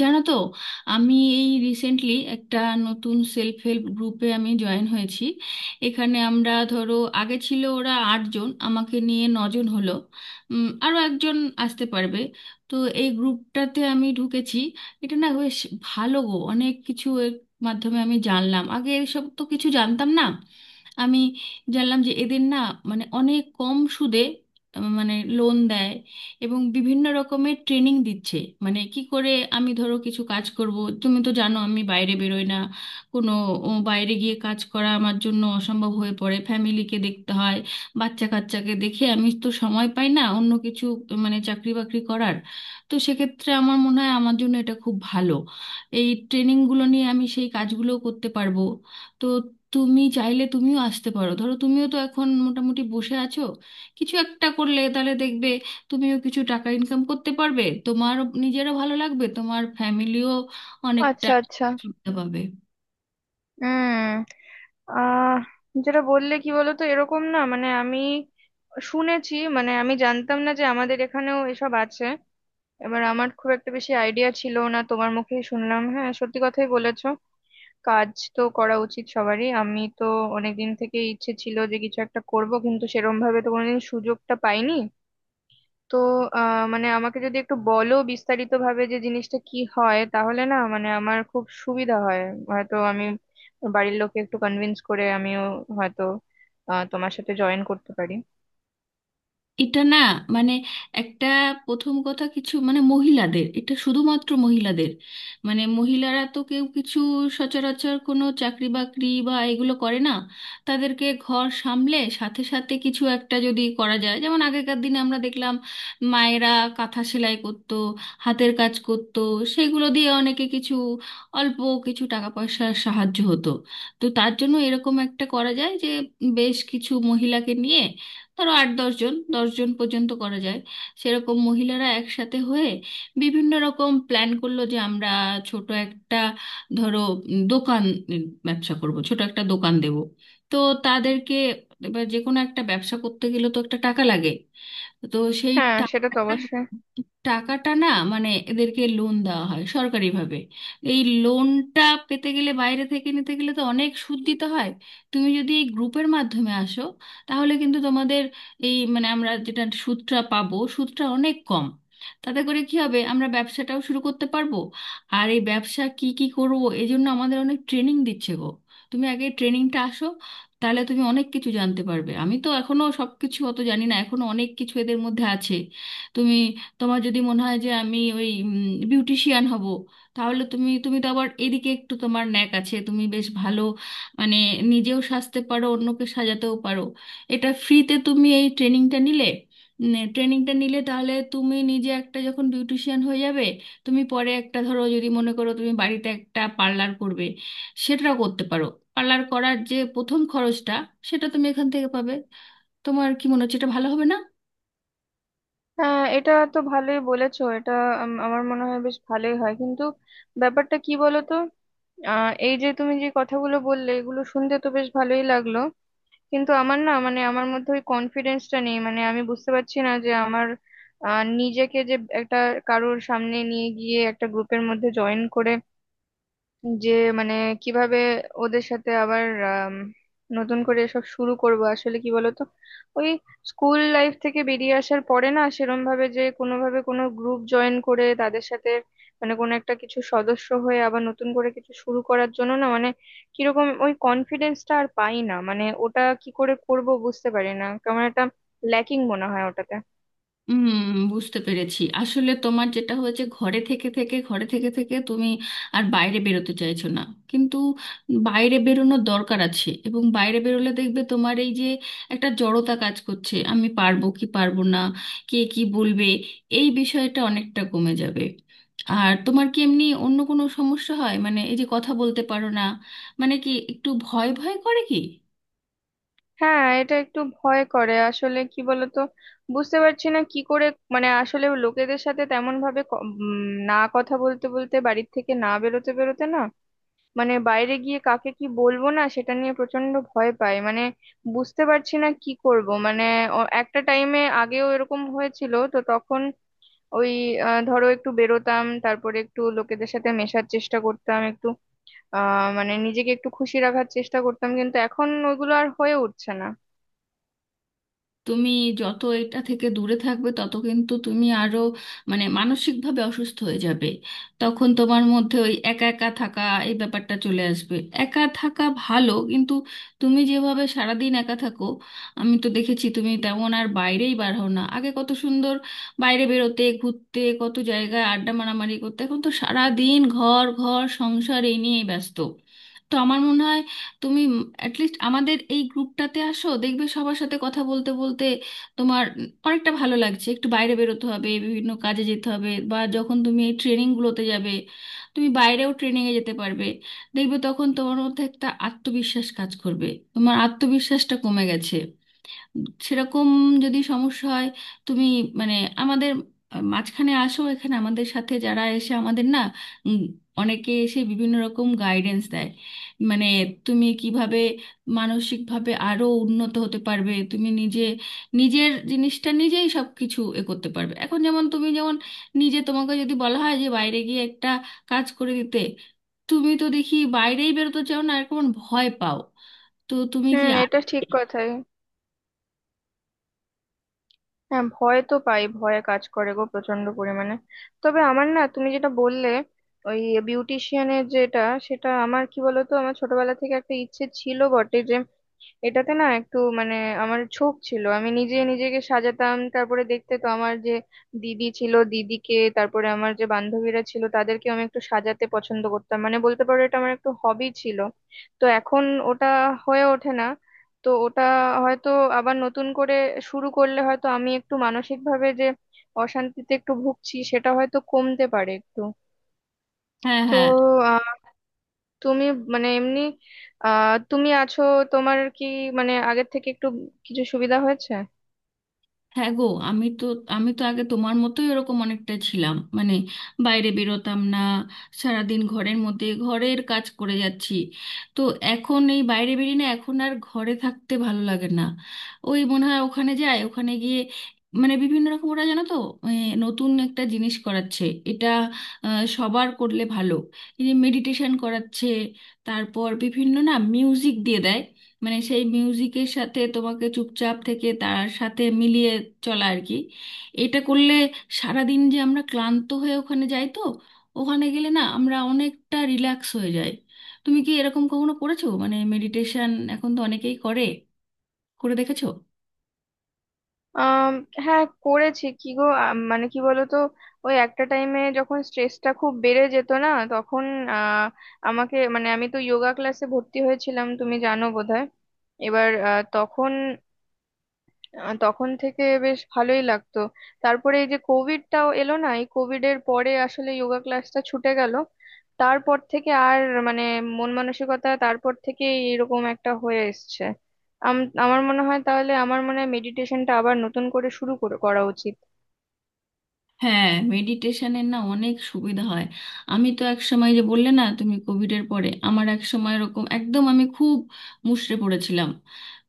জানো তো, আমি এই রিসেন্টলি একটা নতুন সেলফ হেল্প গ্রুপে আমি জয়েন হয়েছি। এখানে আমরা, ধরো, আগে ছিল ওরা আটজন, আমাকে নিয়ে নজন হলো। আরো একজন আসতে পারবে। তো এই গ্রুপটাতে আমি ঢুকেছি। এটা না বেশ ভালো গো, অনেক কিছু এর মাধ্যমে আমি জানলাম, আগে এসব তো কিছু জানতাম না। আমি জানলাম যে এদের না, মানে অনেক কম সুদে মানে লোন দেয়, এবং বিভিন্ন রকমের ট্রেনিং দিচ্ছে। মানে কি করে আমি ধরো কিছু কাজ করব। তুমি তো জানো আমি বাইরে বেরোই না, কোনো বাইরে গিয়ে কাজ করা আমার জন্য অসম্ভব হয়ে পড়ে, ফ্যামিলিকে দেখতে হয়, বাচ্চা কাচ্চাকে দেখে আমি তো সময় পাই না অন্য কিছু, মানে চাকরি বাকরি করার। তো সেক্ষেত্রে আমার মনে হয় আমার জন্য এটা খুব ভালো। এই ট্রেনিংগুলো নিয়ে আমি সেই কাজগুলো করতে পারবো। তো তুমি চাইলে তুমিও আসতে পারো, ধরো তুমিও তো এখন মোটামুটি বসে আছো, কিছু একটা করলে তাহলে দেখবে তুমিও কিছু টাকা ইনকাম করতে পারবে, তোমার নিজেরও ভালো লাগবে, তোমার ফ্যামিলিও অনেকটা আচ্ছা, আচ্ছা। সুবিধা পাবে। হুম। আহ যেটা বললে কি বলতো, এরকম না, মানে আমি শুনেছি, মানে আমি জানতাম না যে আমাদের এখানেও এসব আছে। এবার আমার খুব একটা বেশি আইডিয়া ছিল না, তোমার মুখেই শুনলাম। হ্যাঁ, সত্যি কথাই বলেছো, কাজ তো করা উচিত সবারই। আমি তো অনেকদিন থেকে ইচ্ছে ছিল যে কিছু একটা করব, কিন্তু সেরম ভাবে তো কোনোদিন সুযোগটা পাইনি। তো মানে আমাকে যদি একটু বলো বিস্তারিত ভাবে যে জিনিসটা কি হয়, তাহলে না মানে আমার খুব সুবিধা হয়। হয়তো আমি বাড়ির লোককে একটু কনভিন্স করে আমিও হয়তো তোমার সাথে জয়েন করতে পারি। এটা না মানে একটা প্রথম কথা, কিছু মানে মহিলাদের, এটা শুধুমাত্র মহিলাদের। মানে মহিলারা তো কেউ কিছু সচরাচর কোনো চাকরি বাকরি বা এগুলো করে না। তাদেরকে ঘর সামলে সাথে সাথে কিছু একটা যদি করা যায়, যেমন আগেকার দিনে আমরা দেখলাম মায়েরা কাঁথা সেলাই করতো, হাতের কাজ করতো, সেগুলো দিয়ে অনেকে কিছু অল্প কিছু টাকা পয়সার সাহায্য হতো। তো তার জন্য এরকম একটা করা যায় যে বেশ কিছু মহিলাকে নিয়ে, ধরো আট দশজন, দশজন পর্যন্ত করা যায়, সেরকম মহিলারা একসাথে হয়ে বিভিন্ন রকম প্ল্যান করলো যে আমরা ছোট একটা, ধরো, দোকান, উম, ব্যবসা করব, ছোট একটা দোকান দেব। তো তাদেরকে, এবার যে কোনো একটা ব্যবসা করতে গেলে তো একটা টাকা লাগে, তো সেই হ্যাঁ, সেটা তো টাকাটা অবশ্যই। টাকাটা না, মানে এদেরকে লোন দেওয়া হয় সরকারিভাবে। এই লোনটা পেতে গেলে, বাইরে থেকে নিতে গেলে তো অনেক সুদ দিতে হয়। তুমি যদি এই গ্রুপের মাধ্যমে আসো, তাহলে কিন্তু তোমাদের এই মানে আমরা যেটা সুদটা পাবো, সুদটা অনেক কম। তাতে করে কি হবে, আমরা ব্যবসাটাও শুরু করতে পারবো। আর এই ব্যবসা কি কি করবো, এই জন্য আমাদের অনেক ট্রেনিং দিচ্ছে গো। তুমি আগে ট্রেনিংটা আসো, তাহলে তুমি অনেক কিছু জানতে পারবে, আমি তো এখনো সবকিছু অত জানি না, এখনো অনেক কিছু এদের মধ্যে আছে। তুমি, তোমার যদি মনে হয় যে আমি ওই বিউটিশিয়ান হব, তাহলে তুমি তুমি তো আবার এদিকে একটু তোমার ন্যাক আছে, তুমি বেশ ভালো মানে নিজেও সাজতে পারো, অন্যকে সাজাতেও পারো। এটা ফ্রিতে তুমি এই ট্রেনিংটা নিলে, তাহলে তুমি নিজে একটা, যখন বিউটিশিয়ান হয়ে যাবে, তুমি পরে একটা, ধরো, যদি মনে করো তুমি বাড়িতে একটা পার্লার করবে, সেটাও করতে পারো। পার্লার করার যে প্রথম খরচটা, সেটা তুমি এখান থেকে পাবে। তোমার কি মনে হচ্ছে এটা ভালো হবে না? হ্যাঁ, এটা তো ভালোই বলেছো এটা। আমার মনে হয় বেশ ভালোই হয়, কিন্তু ব্যাপারটা কি বলো তো, এই যে তুমি যে কথাগুলো বললে এগুলো শুনতে তো বেশ ভালোই লাগলো, কিন্তু আমার না মানে আমার মধ্যে ওই কনফিডেন্সটা নেই। মানে আমি বুঝতে পারছি না যে আমার নিজেকে যে একটা কারোর সামনে নিয়ে গিয়ে একটা গ্রুপের মধ্যে জয়েন করে, যে মানে কিভাবে ওদের সাথে আবার আম, নতুন করে এসব শুরু করব। আসলে কি বলতো, ওই স্কুল লাইফ থেকে বেরিয়ে আসার পরে না সেরম ভাবে যে কোনোভাবে কোনো গ্রুপ জয়েন করে তাদের সাথে মানে কোনো একটা কিছু সদস্য হয়ে আবার নতুন করে কিছু শুরু করার জন্য না মানে কিরকম ওই কনফিডেন্সটা আর পাই না, মানে ওটা কি করে করব বুঝতে পারি না, কেমন একটা ল্যাকিং মনে হয় ওটাতে। হুম, বুঝতে পেরেছি। আসলে তোমার যেটা হয়েছে, ঘরে থেকে থেকে তুমি আর বাইরে বেরোতে চাইছো না, কিন্তু বাইরে বেরোনোর দরকার আছে। এবং বাইরে বেরোলে দেখবে তোমার এই যে একটা জড়তা কাজ করছে, আমি পারবো কি পারবো না, কে কি বলবে, এই বিষয়টা অনেকটা কমে যাবে। আর তোমার কি এমনি অন্য কোনো সমস্যা হয়, মানে এই যে কথা বলতে পারো না, মানে কি একটু ভয় ভয় করে কি? হ্যাঁ, এটা একটু ভয় করে। আসলে কি বলতো, বুঝতে পারছি না কি করে, মানে আসলে লোকেদের সাথে তেমন ভাবে না কথা বলতে বলতে, বাড়ির থেকে না বেরোতে বেরোতে না মানে বাইরে গিয়ে কাকে কি বলবো না সেটা নিয়ে প্রচন্ড ভয় পাই। মানে বুঝতে পারছি না কি করব, মানে একটা টাইমে আগেও এরকম হয়েছিল তো, তখন ওই ধরো একটু বেরোতাম, তারপরে একটু লোকেদের সাথে মেশার চেষ্টা করতাম, একটু মানে নিজেকে একটু খুশি রাখার চেষ্টা করতাম, কিন্তু এখন ওইগুলো আর হয়ে উঠছে না। তুমি যত এটা থেকে দূরে থাকবে, তত কিন্তু তুমি আরো মানে মানসিকভাবে অসুস্থ হয়ে যাবে। তখন তোমার মধ্যে ওই একা একা থাকা এই ব্যাপারটা চলে আসবে। একা থাকা ভালো, কিন্তু তুমি যেভাবে সারাদিন একা থাকো, আমি তো দেখেছি তুমি তেমন আর বাইরেই বার হও না। আগে কত সুন্দর বাইরে বেরোতে, ঘুরতে, কত জায়গায় আড্ডা মারামারি করতে, এখন তো সারাদিন ঘর ঘর সংসার এই নিয়েই ব্যস্ত। তো আমার মনে হয় তুমি অ্যাটলিস্ট আমাদের এই গ্রুপটাতে আসো, দেখবে সবার সাথে কথা বলতে বলতে তোমার অনেকটা ভালো লাগছে। একটু বাইরে বেরোতে হবে, বিভিন্ন কাজে যেতে হবে, বা যখন তুমি এই ট্রেনিংগুলোতে যাবে, তুমি বাইরেও ট্রেনিংয়ে যেতে পারবে। দেখবে তখন তোমার মধ্যে একটা আত্মবিশ্বাস কাজ করবে। তোমার আত্মবিশ্বাসটা কমে গেছে। সেরকম যদি সমস্যা হয়, তুমি মানে আমাদের মাঝখানে আসো, এখানে আমাদের সাথে যারা এসে আমাদের না, উম, অনেকে এসে বিভিন্ন রকম গাইডেন্স দেয়। মানে তুমি কিভাবে মানসিকভাবে আরো উন্নত হতে পারবে, তুমি নিজে নিজের জিনিসটা নিজেই সব কিছু এ করতে পারবে। এখন যেমন তুমি, যেমন নিজে, তোমাকে যদি বলা হয় যে বাইরে গিয়ে একটা কাজ করে দিতে, তুমি তো দেখি বাইরেই বেরোতে চাও না, আর কেমন ভয় পাও। তো তুমি কি হুম, এটা ঠিক কথাই। হ্যাঁ, ভয় তো পাই, ভয়ে কাজ করে গো প্রচন্ড পরিমাণে। তবে আমার না তুমি যেটা বললে, ওই বিউটিশিয়ানের যেটা, সেটা আমার কি বলতো, আমার ছোটবেলা থেকে একটা ইচ্ছে ছিল বটে যে এটাতে না একটু মানে আমার ঝোঁক ছিল। আমি নিজে নিজেকে সাজাতাম, তারপরে দেখতে তো আমার যে দিদি ছিল দিদিকে, তারপরে আমার যে বান্ধবীরা ছিল তাদেরকে আমি একটু সাজাতে পছন্দ করতাম, মানে বলতে পারো এটা আমার একটু হবি ছিল। তো এখন ওটা হয়ে ওঠে না। তো ওটা হয়তো আবার নতুন করে শুরু করলে হয়তো আমি একটু, মানসিকভাবে যে অশান্তিতে একটু ভুগছি, সেটা হয়তো কমতে পারে একটু। হ্যাঁ, তো হ্যাঁ। তুমি মানে এমনি, তুমি আছো, তোমার কি মানে আগের থেকে একটু কিছু সুবিধা হয়েছে? হ্যাঁ গো, আমি তো আমি তো আগে তোমার মতোই এরকম অনেকটা ছিলাম, মানে বাইরে বেরোতাম না, সারাদিন ঘরের মধ্যে ঘরের কাজ করে যাচ্ছি। তো এখন এই বাইরে বেরিয়ে না, এখন আর ঘরে থাকতে ভালো লাগে না। ওই মনে হয় ওখানে যায়, ওখানে গিয়ে মানে বিভিন্ন রকম ওরা, জানো তো, এ, নতুন একটা জিনিস করাচ্ছে। এটা সবার করলে ভালো। এই মেডিটেশন করাচ্ছে, তারপর বিভিন্ন না মিউজিক দিয়ে দেয়, মানে সেই মিউজিকের সাথে তোমাকে চুপচাপ থেকে তার সাথে মিলিয়ে চলা আর কি। এটা করলে, সারাদিন যে আমরা ক্লান্ত হয়ে ওখানে যাই তো, ওখানে গেলে না আমরা অনেকটা রিল্যাক্স হয়ে যাই। তুমি কি এরকম কখনো করেছো? মানে মেডিটেশন এখন তো অনেকেই করে, করে দেখেছো? আম, হ্যাঁ, করেছি। কি গো মানে কি বলতো, ওই একটা টাইমে যখন স্ট্রেসটা খুব বেড়ে যেত না তখন আহ, আমাকে মানে আমি তো যোগা ক্লাসে ভর্তি হয়েছিলাম, তুমি জানো বোধহয়। এবার আহ, তখন আহ তখন থেকে বেশ ভালোই লাগতো। তারপরে এই যে কোভিডটাও এলো না, এই কোভিড এর পরে আসলে যোগা ক্লাসটা ছুটে গেল। তারপর থেকে আর মানে মন মানসিকতা তারপর থেকে এরকম একটা হয়ে এসছে। আমার মনে হয়, তাহলে আমার মনে হয় মেডিটেশনটা আবার নতুন করে শুরু করে করা উচিত। হ্যাঁ, মেডিটেশনের না অনেক সুবিধা হয়। আমি তো এক সময়, যে বললে না তুমি কোভিড এর পরে, আমার এক সময় এরকম একদম আমি খুব মুষড়ে পড়েছিলাম।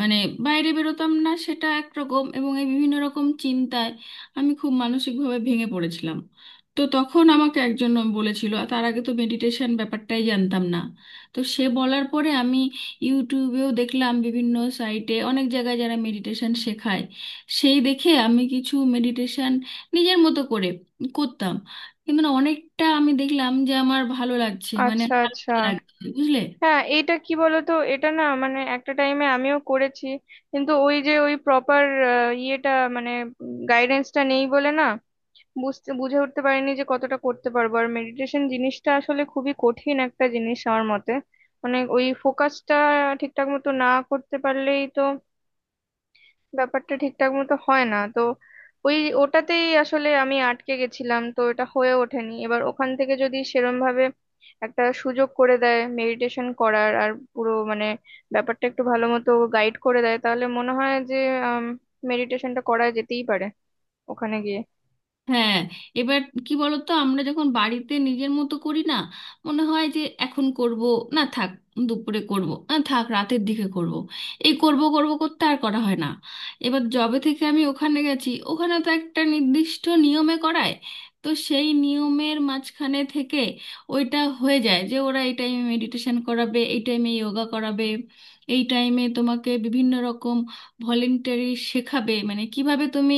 মানে বাইরে বেরোতাম না সেটা একরকম, এবং এই বিভিন্ন রকম চিন্তায় আমি খুব মানসিকভাবে ভেঙে পড়েছিলাম। তো তখন আমাকে একজন বলেছিল, আর তার আগে তো মেডিটেশন ব্যাপারটাই জানতাম না। তো সে বলার পরে আমি ইউটিউবেও দেখলাম, বিভিন্ন সাইটে অনেক জায়গায় যারা মেডিটেশন শেখায়, সেই দেখে আমি কিছু মেডিটেশন নিজের মতো করে করতাম। কিন্তু না, অনেকটা আমি দেখলাম যে আমার ভালো লাগছে, মানে আচ্ছা, আচ্ছা। হালকা লাগছে, বুঝলে? হ্যাঁ, এটা কি বলতো, এটা না মানে একটা টাইমে আমিও করেছি, কিন্তু ওই যে ওই প্রপার ইয়েটা, মানে গাইডেন্সটা নেই বলে না বুঝে উঠতে পারিনি যে কতটা করতে পারবো। আর মেডিটেশন জিনিসটা আসলে খুবই কঠিন একটা জিনিস আমার মতে, মানে ওই ফোকাসটা ঠিকঠাক মতো না করতে পারলেই তো ব্যাপারটা ঠিকঠাক মতো হয় না তো। ওই ওটাতেই আসলে আমি আটকে গেছিলাম, তো এটা হয়ে ওঠেনি। এবার ওখান থেকে যদি সেরম ভাবে একটা সুযোগ করে দেয় মেডিটেশন করার, আর পুরো মানে ব্যাপারটা একটু ভালো মতো গাইড করে দেয়, তাহলে মনে হয় যে মেডিটেশনটা করা যেতেই পারে ওখানে গিয়ে। হ্যাঁ। এবার কি বলতো আমরা যখন বাড়িতে নিজের মতো করি না, মনে হয় যে এখন করব, না থাক, দুপুরে করব, না থাক রাতের দিকে করব। এই করব করব করতে আর করা হয় না। এবার জবে থেকে আমি ওখানে গেছি, ওখানে তো একটা নির্দিষ্ট নিয়মে করায়। তো সেই নিয়মের মাঝখানে থেকে ওইটা হয়ে যায় যে ওরা এই টাইমে মেডিটেশন করাবে, এই টাইমে যোগা করাবে, এই টাইমে তোমাকে বিভিন্ন রকম ভলেন্টারি শেখাবে, মানে কিভাবে তুমি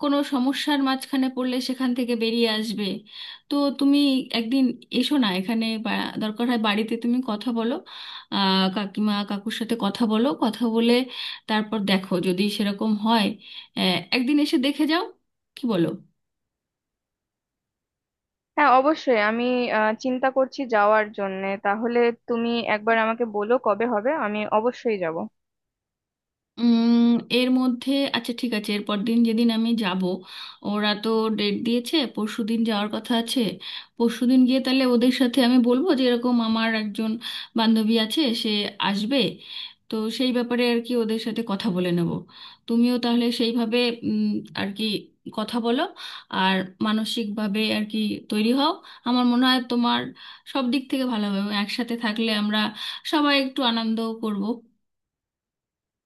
কোনো সমস্যার মাঝখানে পড়লে সেখান থেকে বেরিয়ে আসবে। তো তুমি একদিন এসো না এখানে, বা দরকার হয় বাড়িতে তুমি কথা বলো, কাকিমা কাকুর সাথে কথা বলো, কথা বলে তারপর দেখো, যদি সেরকম হয় একদিন এসে দেখে যাও। কি বলো? হ্যাঁ অবশ্যই, আমি চিন্তা করছি যাওয়ার জন্য। তাহলে তুমি একবার আমাকে বলো কবে হবে, আমি অবশ্যই যাব। উম এর মধ্যে, আচ্ছা ঠিক আছে, এরপর দিন যেদিন আমি যাব, ওরা তো ডেট দিয়েছে, পরশুদিন যাওয়ার কথা আছে। পরশুদিন গিয়ে তাহলে ওদের সাথে আমি বলবো যে এরকম আমার একজন বান্ধবী আছে, সে আসবে। তো সেই ব্যাপারে আর কি ওদের সাথে কথা বলে নেব। তুমিও তাহলে সেইভাবে, উম, আর কি কথা বলো, আর মানসিকভাবে আর কি তৈরি হও। আমার মনে হয় তোমার সব দিক থেকে ভালো হবে, এবং একসাথে থাকলে আমরা সবাই একটু আনন্দ করব।